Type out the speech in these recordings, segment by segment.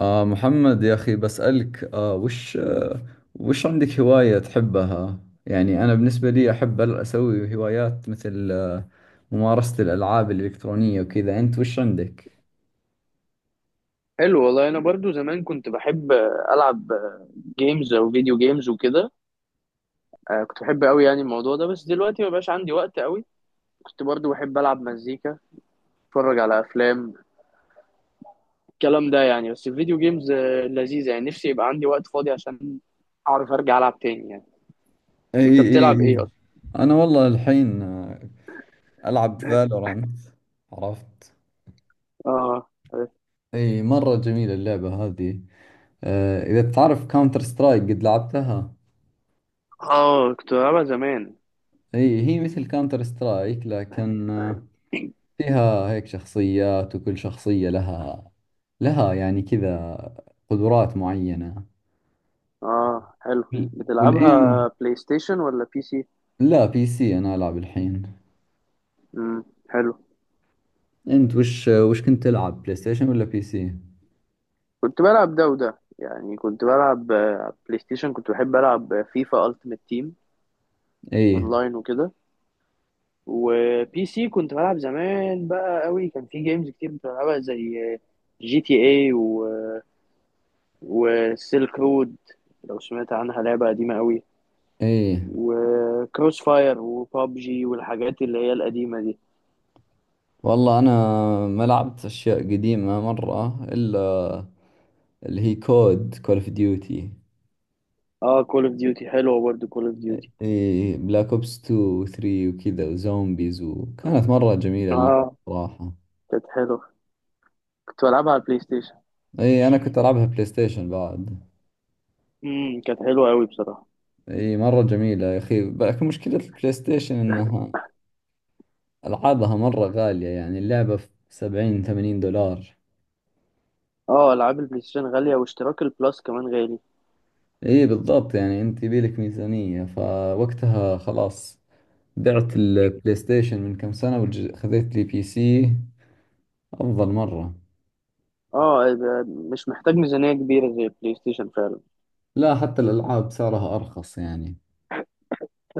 محمد، يا أخي، بسألك وش عندك هواية تحبها؟ يعني أنا بالنسبة لي أحب أسوي هوايات مثل ممارسة الألعاب الإلكترونية وكذا. أنت وش عندك؟ حلو، والله انا برضو زمان كنت بحب العب جيمز او فيديو جيمز وكده. كنت بحب قوي يعني الموضوع ده، بس دلوقتي ما بقاش عندي وقت قوي. كنت برضو بحب العب مزيكا، اتفرج على افلام، الكلام ده يعني. بس الفيديو جيمز لذيذة يعني، نفسي يبقى عندي وقت فاضي عشان اعرف ارجع العب تاني يعني. اي، انت اي، بتلعب اي، ايه اصلا؟ أنا والله الحين ألعب فالورانت. عرفت؟ اه. أي، مرة جميلة اللعبة هذه. إذا بتعرف كاونتر سترايك، قد لعبتها؟ اه، كنت بلعبها زمان. أي، هي مثل كاونتر سترايك، لكن فيها هيك شخصيات، وكل شخصية لها يعني كذا قدرات معينة. اه، حلو. بتلعبها والإيم، بلاي ستيشن ولا بي سي؟ لا، بي سي أنا ألعب الحين. امم، حلو. أنت وش كنت تلعب، بلاي ستيشن ولا بي سي؟ كنت بلعب ده وده يعني، كنت بلعب بلاي ستيشن، كنت بحب ألعب فيفا ألتيمت تيم إيه، أونلاين وكده. وبي سي كنت بلعب زمان بقى قوي، كان في جيمز كتير كنت بلعبها زي جي تي اي وسيلك رود، لو سمعت عنها لعبة قديمة قوي، إيه، وكروس فاير وبابجي والحاجات اللي هي القديمة دي. والله أنا ما لعبت أشياء قديمة مرة، إلا اللي هي كود، كول أوف ديوتي. اه، كول اوف ديوتي حلوة برضه كول اوف ديوتي. إيه، بلاك أوبس 2 و 3 وكذا وزومبيز. وكانت مرة جميلة اللعبة، اه، صراحة. كانت حلوة، كنت بلعبها على البلاي ستيشن. إيه، أنا كنت ألعبها بلاي ستيشن بعد. كانت حلوة قوي بصراحة. اي، مرة جميلة يا اخي، لكن مشكلة البلاي ستيشن انها العابها مرة غالية، يعني اللعبة في 70 80 دولار. اه، العاب البلاي ستيشن غالية واشتراك البلس كمان غالي. اي، بالضبط، يعني انت يبيلك ميزانية، فوقتها خلاص. بعت البلاي ستيشن من كم سنة، وخذيت لي بي سي، افضل مرة. اه، يبقى مش محتاج ميزانية كبيرة زي البلاي ستيشن فعلا. لا، حتى الالعاب سعرها ارخص يعني.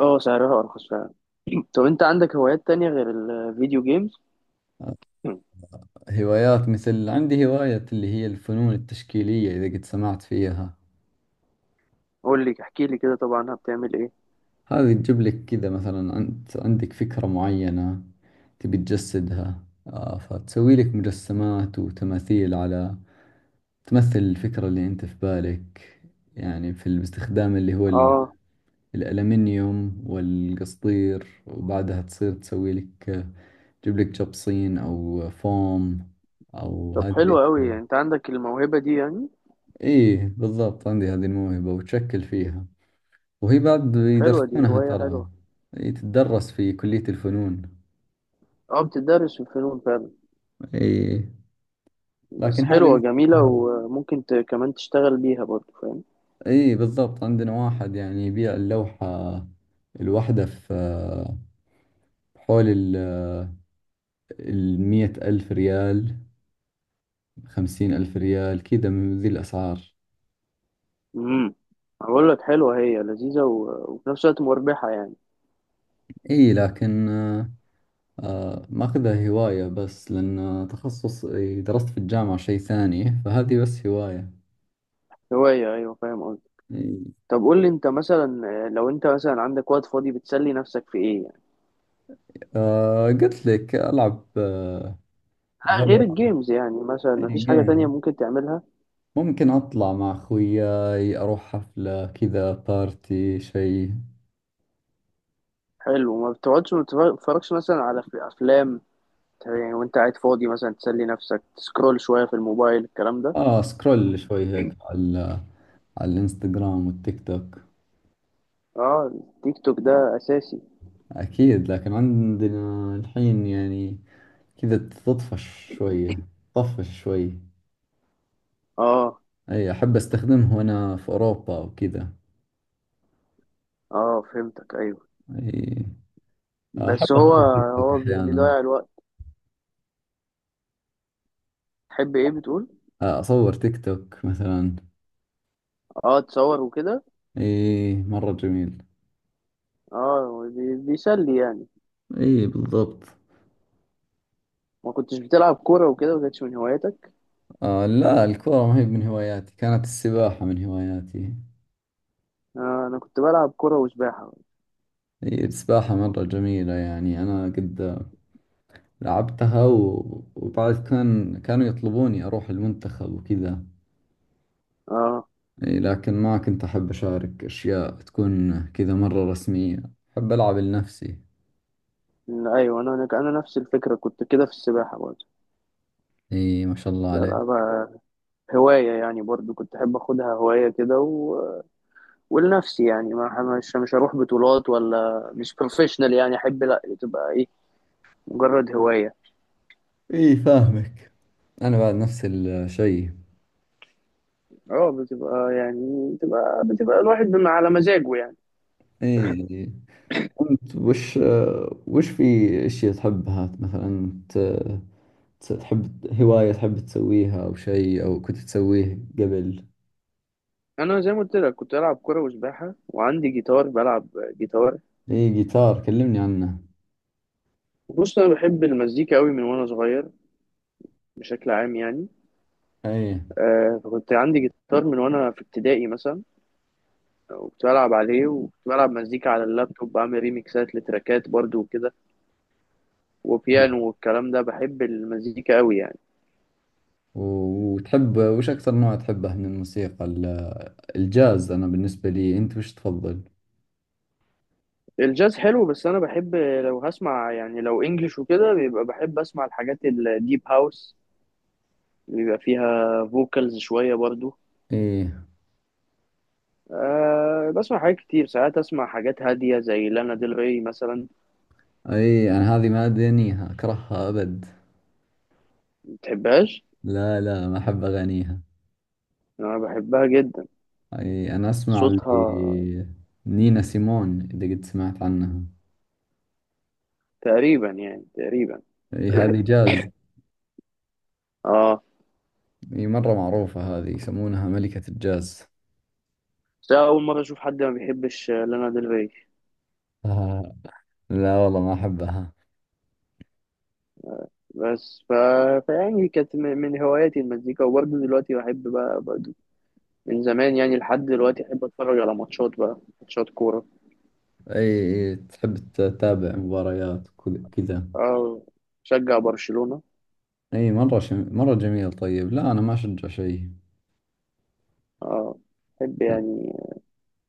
اه، سعرها ارخص فعلا. طب انت عندك هوايات تانية غير الفيديو جيمز؟ هوايات، مثل عندي هواية اللي هي الفنون التشكيلية، اذا قد سمعت فيها. قول لي، احكي لي كده، طبعا بتعمل ايه؟ هذه تجيب لك كذا، مثلا أنت عندك فكرة معينة تبي تجسدها، فتسوي لك مجسمات وتماثيل على، تمثل الفكرة اللي أنت في بالك. يعني في باستخدام اللي هو اه. الألمنيوم والقصدير، وبعدها تصير تسوي لك، تجيب لك جبصين أو فوم، أو طب هذه حلو قوي الأشياء. يعني، انت عندك الموهبة دي يعني. إيه، بالضبط، عندي هذه الموهبة وتشكل فيها. وهي بعد طب، حلوة دي، يدرسونها، هواية ترى. حلوة. إيه، تدرس في كلية الفنون. اه، بتدرس في الفنون فعلا. اي، بس لكن حلوة هذه، جميلة، وممكن كمان تشتغل بيها برضه، فاهم. اي بالضبط، عندنا واحد يعني يبيع اللوحة الواحدة في، حول 100,000 ريال، 50,000 ريال، كذا من ذي الأسعار. امم. هقول لك حلوة، هي لذيذة و... وفي نفس الوقت مربحة يعني. اي لكن، ماخذها هواية بس، لأن تخصص، إي، درست في الجامعة شيء ثاني، فهذه بس هواية. هواية، ايوه، فاهم قصدي. إي. طب قول لي انت مثلا لو انت مثلا عندك وقت فاضي بتسلي نفسك في ايه يعني؟ قلت لك ألعب، غير الجيمز يعني، مثلا مفيش حاجة تانية فالورانت. ممكن تعملها؟ ممكن أطلع مع خوياي، أروح حفلة، كذا بارتي، شيء. حلو، ما بتقعدش ما بتتفرجش مثلا، على في افلام يعني وانت قاعد فاضي، مثلا تسلي نفسك، تسكرول شوية في الموبايل، الكلام ده. سكرول شوي هيك على الإنستغرام والتيك توك. اه، التيك توك ده اساسي. أكيد، لكن عندنا الحين يعني كذا تطفش شوية. طفش شوي. اه، أي، أحب أستخدمه وأنا في أوروبا وكذا. اه، فهمتك، ايوه. أي، أحب بس هو أصور تيك توك هو أحيانا. بيضيع الوقت. تحب ايه بتقول؟ أصور تيك توك مثلا. اه، تصور وكده. أي، مرة جميل. اه، بيسلي يعني. أي، بالضبط. ما كنتش بتلعب كورة وكده؟ ما كانتش من هواياتك؟ لا، الكورة ما هي من هواياتي. كانت السباحة من هواياتي. آه، انا كنت بلعب كرة وسباحة. هي السباحة مرة جميلة، يعني أنا قد لعبتها وبعد كانوا يطلبوني أروح المنتخب وكذا. اه. إي، لكن ما كنت أحب أشارك أشياء تكون كذا مرة رسمية. أحب ألعب لنفسي. ايوه، انا نفس الفكرة، كنت كده في السباحة برضه. إي، ما شاء الله كنت عليك. بلعبها هواية يعني، برضه كنت احب اخدها هواية كده و... ولنفسي يعني. ما مش هروح بطولات ولا مش بروفيشنال يعني، احب لا، تبقى ايه، مجرد هواية. إي، فاهمك. أنا بعد نفس الشيء. اه، بتبقى يعني بتبقى بتبقى الواحد بما على مزاجه يعني. إي، أنت وش في أشياء تحبها مثلا، تحب هواية تحب تسويها، أو شيء، أو كنت تسويه قبل. انا زي ما قلت لك، كنت العب كرة وسباحة، وعندي جيتار بلعب جيتار. إيه، جيتار، كلمني عنه. بص، انا بحب المزيكا قوي من وانا صغير، بشكل عام يعني. أي. فكنت عندي جيتار من وانا في ابتدائي مثلا، وكنت بلعب عليه، وكنت بلعب مزيكا على اللابتوب، بعمل ريميكسات لتراكات برضو وكده، إيه. وبيانو والكلام ده، بحب المزيكا قوي يعني. وتحب وش أكثر نوع تحبه من الموسيقى، الجاز؟ أنا بالنسبة لي، أنت وش تفضل؟ الجاز حلو، بس انا بحب لو هسمع يعني لو انجلش وكده بيبقى بحب اسمع الحاجات الديب هاوس اللي بيبقى فيها فوكالز شوية برضو. إيه. أه، بسمع حاجات كتير، ساعات اسمع حاجات هادية زي لانا ديل ري مثلا. أي، أنا هذه ما أدانيها، أكرهها أبد. متحبهاش؟ لا، لا، ما أحب أغانيها. انا بحبها جدا. أي، أنا أسمع صوتها. اللي، نينا سيمون، إذا قد سمعت عنها. تقريبا يعني، تقريبا. أي، هذه جاز. اه، أي، مرة معروفة هذه، يسمونها ملكة الجاز. بس أنا أول مرة أشوف حد ما بيحبش لانا ديل ري. آه، لا والله ما أحبها. بس ف... فيعني كانت من هواياتي المزيكا، وبرضه دلوقتي بحب بقى برضه، من زمان يعني لحد دلوقتي أحب أتفرج على ماتشات بقى، ماتشات كورة. اي، اي تحب تتابع مباريات كذا. أه، شجع برشلونة. اي، مرة جميل. طيب، لا، انا ما اشجع شيء. أه، أحب يعني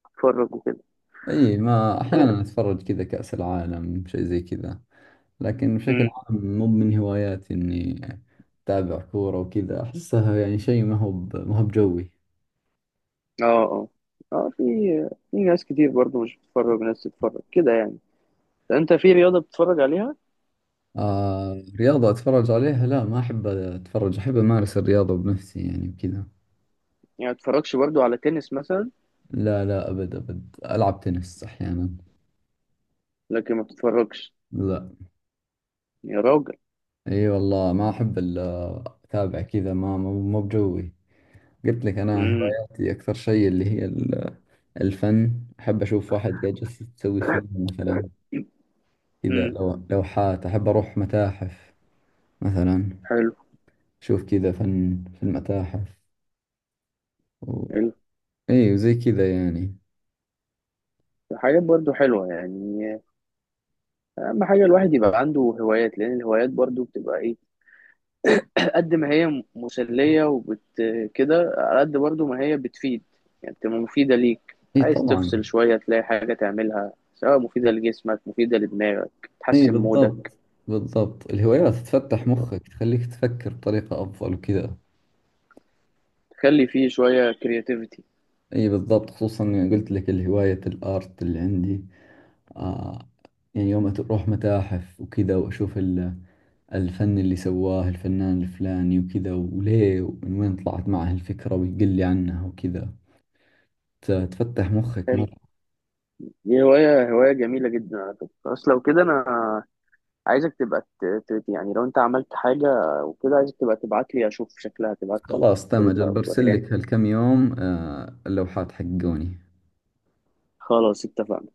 أتفرج وكده. اي، ما احيانا اتفرج، كذا كأس العالم شيء زي كذا. لكن بشكل امم. عام مو من هواياتي اني اتابع كورة وكذا، احسها يعني شيء ما هو بجوي. اه، اه، اه، في ناس كتير برضو مش بتتفرج، ناس تتفرج كده يعني. انت في رياضة بتتفرج عليها؟ رياضة اتفرج عليها، لا، ما احب اتفرج. احب امارس الرياضة بنفسي يعني وكذا. يعني ما بتتفرجش برضو على تنس مثلا؟ لا، لا، ابد، ابد، العب تنس احيانا. لكن ما بتتفرجش؟ لا. يا راجل. اي والله ما احب الا اتابع كذا، ما مو بجوي. قلت لك انا امم، هواياتي اكثر شيء اللي هي الفن. احب اشوف واحد قاعد جالس يسوي فيلم مثلا، كذا، امم، لوحات. احب اروح متاحف مثلا، حلو، اشوف كذا فن في المتاحف و... حلو، اي، وزي كذا يعني. حاجات برضو حلوة يعني. أهم حاجة الواحد يبقى عنده هوايات، لأن الهوايات برضو بتبقى إيه، قد ما هي مسلية وبت كده، على قد برضو ما هي بتفيد يعني، بتبقى مفيدة ليك، اي، عايز طبعا. تفصل شوية تلاقي حاجة تعملها، سواء مفيدة لجسمك مفيدة لدماغك، اي، تحسن مودك، بالضبط. بالضبط، الهوايات تفتح مخك، تخليك تفكر بطريقة افضل وكذا. تخلي فيه شوية كرياتيفيتي. اي، بالضبط، خصوصا إني قلت لك الهواية الارت اللي عندي، آه، يعني يوم أروح متاحف وكذا، وأشوف الفن اللي سواه الفنان الفلاني وكذا، وليه ومن وين طلعت معه الفكرة، ويقول لي عنها وكذا، تفتح مخك حلو، مرة. دي هواية جميلة جدا على فكرة. خلاص لو كده، أنا عايزك تبقى يعني، لو أنت عملت حاجة وكده، عايزك تبقى تبعت لي أشوف شكلها، تبعت لي خلاص، تمام، صورتها أجل أو برسل توريها. لك هالكم يوم، اللوحات حقوني خلاص اتفقنا.